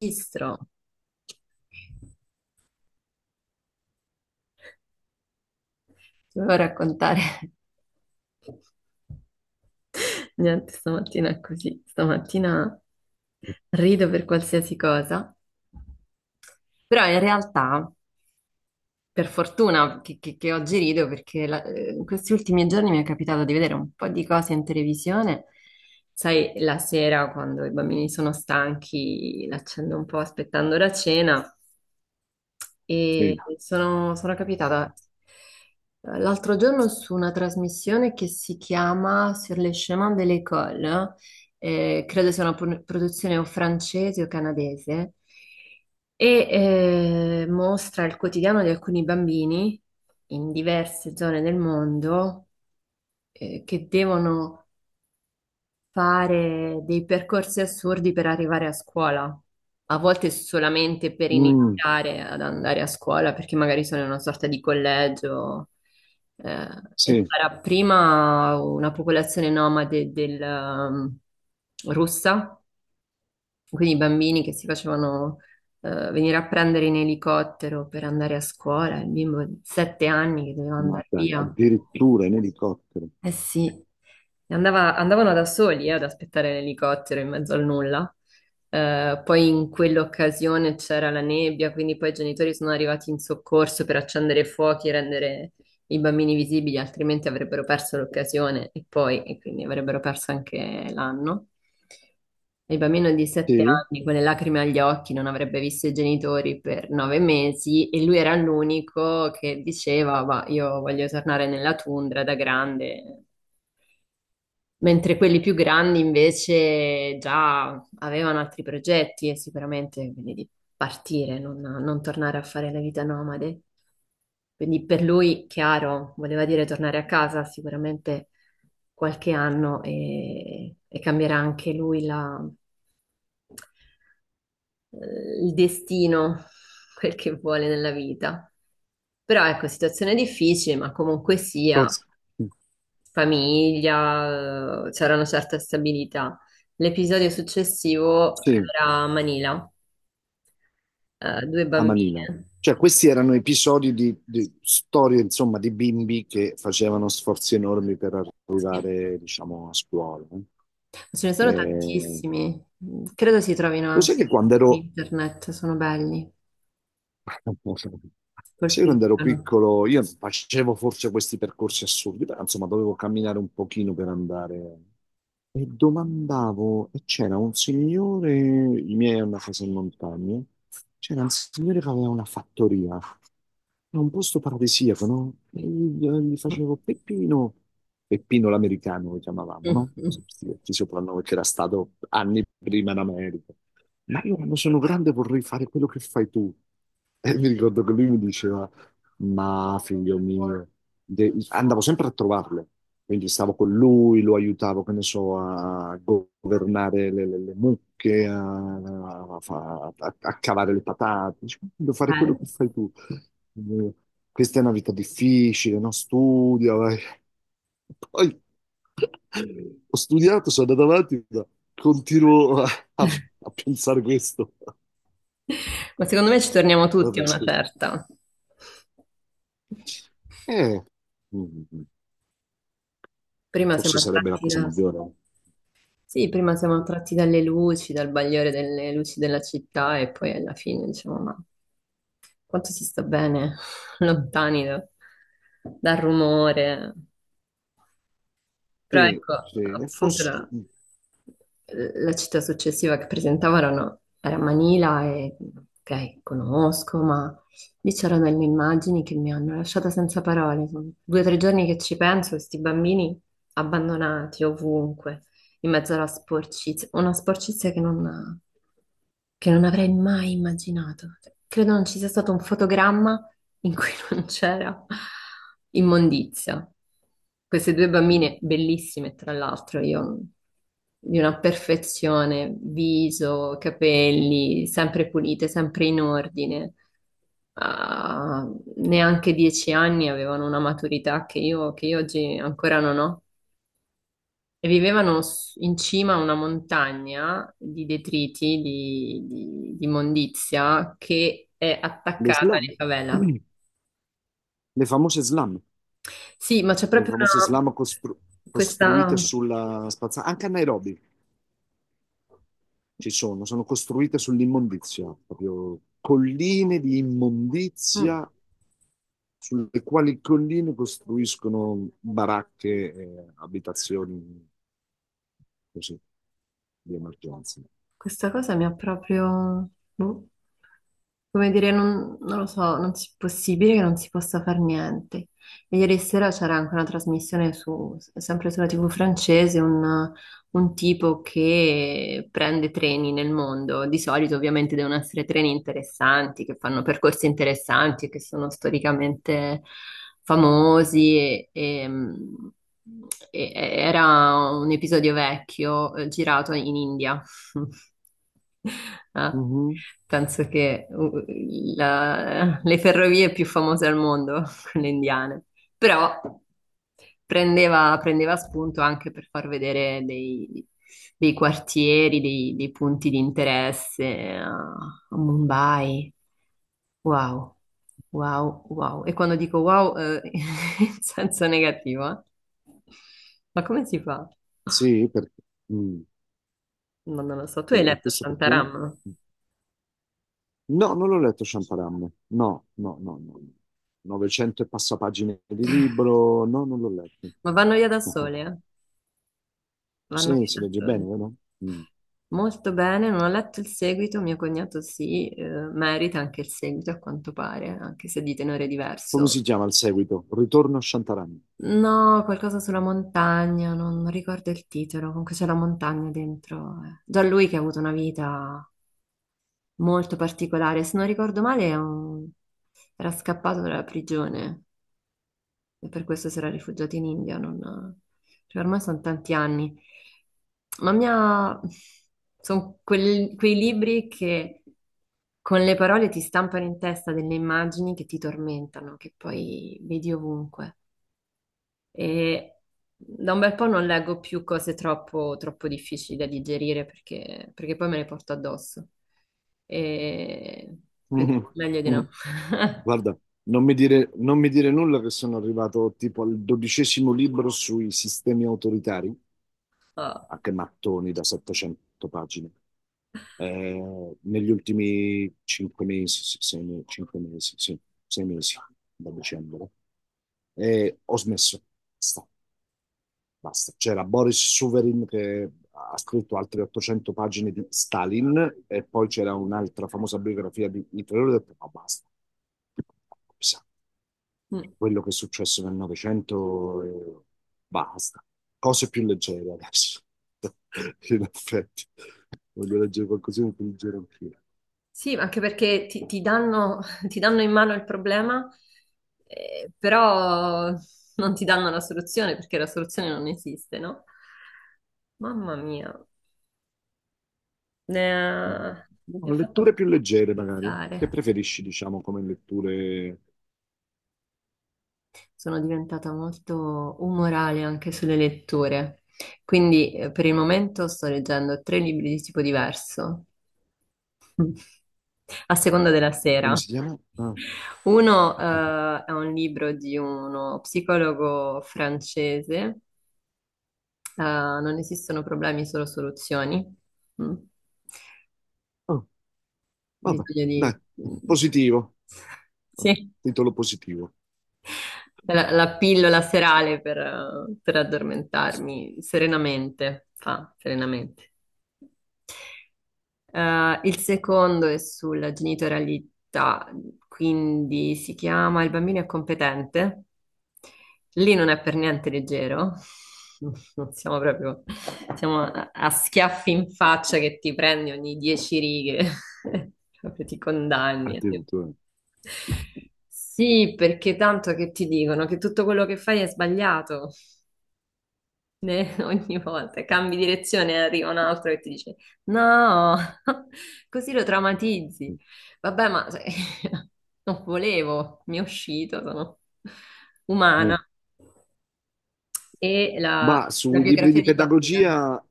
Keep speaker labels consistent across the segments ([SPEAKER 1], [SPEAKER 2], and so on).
[SPEAKER 1] Registro, ti volevo raccontare, niente, stamattina è così, stamattina rido per qualsiasi cosa, però in realtà, per fortuna che oggi rido, perché in questi ultimi giorni mi è capitato di vedere un po' di cose in televisione, sai, la sera quando i bambini sono stanchi, l'accendo un po' aspettando la cena.
[SPEAKER 2] Sì.
[SPEAKER 1] E sono capitata l'altro giorno su una trasmissione che si chiama Sur les chemins de l'école, credo sia una produzione o francese o canadese, e mostra il quotidiano di alcuni bambini in diverse zone del mondo, che devono fare dei percorsi assurdi per arrivare a scuola, a volte solamente per
[SPEAKER 2] Mm,
[SPEAKER 1] iniziare ad andare a scuola, perché magari sono in una sorta di collegio, eh, e
[SPEAKER 2] sì,
[SPEAKER 1] sarà prima una popolazione nomade russa, quindi i bambini che si facevano venire a prendere in elicottero per andare a scuola, il bimbo di 7 anni che doveva
[SPEAKER 2] ma
[SPEAKER 1] andare
[SPEAKER 2] dai,
[SPEAKER 1] via.
[SPEAKER 2] addirittura in elicottero.
[SPEAKER 1] Eh sì, e andavano da soli, ad aspettare l'elicottero in mezzo al nulla. Poi in quell'occasione c'era la nebbia, quindi poi i genitori sono arrivati in soccorso per accendere i fuochi e rendere i bambini visibili, altrimenti avrebbero perso l'occasione e poi, e quindi avrebbero perso anche l'anno. E il bambino di sette
[SPEAKER 2] Sì,
[SPEAKER 1] anni con le lacrime agli occhi non avrebbe visto i genitori per 9 mesi, e lui era l'unico che diceva: ma io voglio tornare nella tundra da grande, mentre quelli più grandi invece già avevano altri progetti e sicuramente quindi di partire, non tornare a fare la vita nomade. Quindi per lui, chiaro, voleva dire tornare a casa sicuramente qualche anno e cambierà anche lui la, il destino, quel che vuole nella vita. Però ecco, situazione difficile, ma comunque sia,
[SPEAKER 2] Cos-
[SPEAKER 1] famiglia, c'era una certa stabilità. L'episodio successivo
[SPEAKER 2] sì,
[SPEAKER 1] era a Manila, due
[SPEAKER 2] a Manila.
[SPEAKER 1] bambine.
[SPEAKER 2] Cioè, questi erano episodi di storie, insomma, di bimbi che facevano sforzi enormi per
[SPEAKER 1] Sì.
[SPEAKER 2] arrivare, diciamo, a scuola, no?
[SPEAKER 1] Ce ne sono
[SPEAKER 2] Eh,
[SPEAKER 1] tantissimi, credo si trovino
[SPEAKER 2] cos'è
[SPEAKER 1] anche
[SPEAKER 2] che quando
[SPEAKER 1] su
[SPEAKER 2] ero,
[SPEAKER 1] internet, sono belli,
[SPEAKER 2] sai, quando ero
[SPEAKER 1] colpiscono.
[SPEAKER 2] piccolo, io facevo forse questi percorsi assurdi, però, insomma, dovevo camminare un pochino per andare. E domandavo, e c'era un signore, i miei hanno una casa in montagna, c'era un signore che aveva una fattoria, in un posto paradisiaco, no? E gli facevo Peppino, Peppino l'americano lo chiamavamo, no? Sì, ti soprannome che era stato anni prima in America. Ma io quando sono grande vorrei fare quello che fai tu. E mi ricordo che lui mi diceva, ma figlio mio, andavo sempre a trovarlo, quindi stavo con lui, lo aiutavo, che ne so, a governare le mucche, a, a cavare le patate. Dice, devo fare quello che
[SPEAKER 1] Bello.
[SPEAKER 2] fai tu. Eh, Questa è una vita difficile, no? Studia, vai. Poi ho studiato, sono andato avanti, ma continuo a, a a pensare questo.
[SPEAKER 1] Ma secondo me ci torniamo tutti a
[SPEAKER 2] Vabbè,
[SPEAKER 1] una
[SPEAKER 2] scusi.
[SPEAKER 1] certa.
[SPEAKER 2] Eh, Mm, mm, mm.
[SPEAKER 1] Prima
[SPEAKER 2] Forse
[SPEAKER 1] siamo
[SPEAKER 2] sarebbe la
[SPEAKER 1] attratti
[SPEAKER 2] cosa
[SPEAKER 1] da...
[SPEAKER 2] maggiore.
[SPEAKER 1] Sì, prima siamo attratti dalle luci, dal bagliore delle luci della città, e poi alla fine diciamo: ma quanto si sta bene lontani dal rumore. Però
[SPEAKER 2] Sì,
[SPEAKER 1] ecco,
[SPEAKER 2] sì, e
[SPEAKER 1] appunto
[SPEAKER 2] forse
[SPEAKER 1] la, la città successiva che presentavano era Manila, e ok, conosco, ma lì c'erano delle immagini che mi hanno lasciata senza parole. Sono 2 o 3 giorni che ci penso, questi bambini abbandonati ovunque, in mezzo alla sporcizia, una sporcizia che non avrei mai immaginato. Cioè, credo non ci sia stato un fotogramma in cui non c'era immondizia. Queste due
[SPEAKER 2] mm,
[SPEAKER 1] bambine bellissime, tra l'altro, io di una perfezione, viso, capelli, sempre pulite, sempre in ordine. Ah, neanche 10 anni, avevano una maturità che io oggi ancora non ho, e vivevano in cima a una montagna di detriti, di immondizia, che è
[SPEAKER 2] le
[SPEAKER 1] attaccata
[SPEAKER 2] slam,
[SPEAKER 1] alla favela.
[SPEAKER 2] le famose slam,
[SPEAKER 1] Sì, ma c'è
[SPEAKER 2] le
[SPEAKER 1] proprio
[SPEAKER 2] famose
[SPEAKER 1] una,
[SPEAKER 2] slam costru- costruite
[SPEAKER 1] questa...
[SPEAKER 2] sulla spazzatura, anche a Nairobi ci sono, sono costruite sull'immondizia, proprio colline di
[SPEAKER 1] mm.
[SPEAKER 2] immondizia sulle quali colline costruiscono baracche e abitazioni così di emergenza.
[SPEAKER 1] Questa cosa mi ha proprio... boh, come dire, non lo so, non è possibile che non si possa fare niente. E ieri sera c'era anche una trasmissione su, sempre sulla TV francese, un tipo che prende treni nel mondo. Di solito ovviamente devono essere treni interessanti, che fanno percorsi interessanti e che sono storicamente famosi, era un episodio vecchio, girato in India. Ah,
[SPEAKER 2] Mhm.
[SPEAKER 1] penso che le ferrovie più famose al mondo, quelle indiane, però prendeva spunto anche per far vedere dei, dei, quartieri, dei punti di interesse a Mumbai. Wow, wow, wow. E quando dico wow, in senso negativo, eh? Ma come si fa?
[SPEAKER 2] Sì, perché, mm,
[SPEAKER 1] Ma non lo so. Tu hai
[SPEAKER 2] e
[SPEAKER 1] letto
[SPEAKER 2] questo perché?
[SPEAKER 1] Shantaram?
[SPEAKER 2] No, non l'ho letto Sciamparam. No, no, no, no. 900 e passa pagine di libro. No, non l'ho letto.
[SPEAKER 1] Ma vanno via da sole, eh? Vanno
[SPEAKER 2] Sì, si
[SPEAKER 1] via da
[SPEAKER 2] legge bene,
[SPEAKER 1] sole.
[SPEAKER 2] vero? Mm.
[SPEAKER 1] Molto bene, non ho letto il seguito, mio cognato sì, merita anche il seguito a quanto pare, anche se di tenore
[SPEAKER 2] Come
[SPEAKER 1] diverso.
[SPEAKER 2] si chiama il seguito? Ritorno a Shantaram.
[SPEAKER 1] No, qualcosa sulla montagna, non, non ricordo il titolo, comunque c'è la montagna dentro. Eh. Già lui che ha avuto una vita molto particolare. Se non ricordo male, è era scappato dalla prigione e per questo si era rifugiato in India. Non, cioè, ormai sono tanti anni. Ma mia... sono quei libri che con le parole ti stampano in testa delle immagini che ti tormentano, che poi vedi ovunque. E da un bel po' non leggo più cose troppo, troppo difficili da digerire perché, perché poi me le porto addosso. E quindi
[SPEAKER 2] Mm.
[SPEAKER 1] meglio di
[SPEAKER 2] Mm.
[SPEAKER 1] no.
[SPEAKER 2] Guarda, non mi dire, non mi dire nulla che sono arrivato tipo al 12° libro sui sistemi autoritari.
[SPEAKER 1] Ah.
[SPEAKER 2] Ah, che mattoni da 700 pagine. Eh, negli ultimi 5 mesi, sì, 5 mesi, sì, 6 mesi, da dicembre. E ho smesso. Basta, basta. C'era Boris Suverin che ha scritto altre 800 pagine di Stalin e poi c'era un'altra famosa biografia di Hitler. Ho detto, no, basta. Sa,
[SPEAKER 1] Mm.
[SPEAKER 2] quello che è successo nel Novecento, basta. Cose più leggere adesso. In effetti, voglio leggere qualcosina più leggero anch'io.
[SPEAKER 1] Sì, anche perché ti danno, ti danno in mano il problema, però non ti danno la soluzione perché la soluzione non esiste, no? Mamma mia, ne
[SPEAKER 2] Mm,
[SPEAKER 1] ha- mi ha
[SPEAKER 2] no, letture
[SPEAKER 1] fatto
[SPEAKER 2] più leggere, magari. Che
[SPEAKER 1] pensare.
[SPEAKER 2] preferisci, diciamo, come letture...
[SPEAKER 1] Sono diventata molto umorale anche sulle letture. Quindi per il momento sto leggendo tre libri di tipo diverso, a seconda della
[SPEAKER 2] Come
[SPEAKER 1] sera.
[SPEAKER 2] si chiama? Ah.
[SPEAKER 1] Uno, è un libro di uno psicologo francese, Non esistono problemi, solo soluzioni. Mm.
[SPEAKER 2] Oh, vabbè,
[SPEAKER 1] Bisogna di...
[SPEAKER 2] dai, positivo. Oh,
[SPEAKER 1] Sì.
[SPEAKER 2] titolo positivo.
[SPEAKER 1] La pillola serale per addormentarmi serenamente, fa serenamente. Il secondo è sulla genitorialità, quindi si chiama Il bambino è competente. Lì non è per niente leggero. Non siamo proprio, siamo a schiaffi in faccia che ti prendi ogni 10 righe, proprio ti condanni.
[SPEAKER 2] Attenzione.
[SPEAKER 1] Sì, perché tanto che ti dicono che tutto quello che fai è sbagliato. Ne- ogni volta cambi direzione e arriva un altro che ti dice no, così lo traumatizzi.
[SPEAKER 2] Mm.
[SPEAKER 1] Vabbè, ma non volevo, mi è uscito, sono
[SPEAKER 2] Mm.
[SPEAKER 1] umana. E la,
[SPEAKER 2] Ma
[SPEAKER 1] la
[SPEAKER 2] sui libri
[SPEAKER 1] biografia
[SPEAKER 2] di
[SPEAKER 1] di Bob Dylan,
[SPEAKER 2] pedagogia...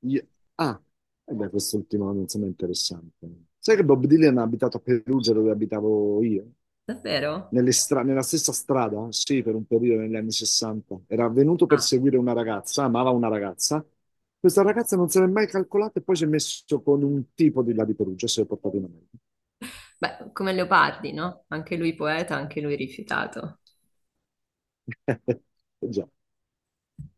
[SPEAKER 2] io- Ah, eh beh, quest'ultimo, insomma, è interessante. Sai che Bob Dylan ha abitato a Perugia dove abitavo io?
[SPEAKER 1] davvero?
[SPEAKER 2] Nella stessa strada, sì, per un periodo negli anni 60. Era venuto per
[SPEAKER 1] Ah,
[SPEAKER 2] seguire una ragazza, amava una ragazza. Questa ragazza non se l'è mai calcolata e poi si è messo con un tipo di là di Perugia, si è portato in America.
[SPEAKER 1] beh, come Leopardi, no? Anche lui poeta, anche lui rifiutato.
[SPEAKER 2] Già.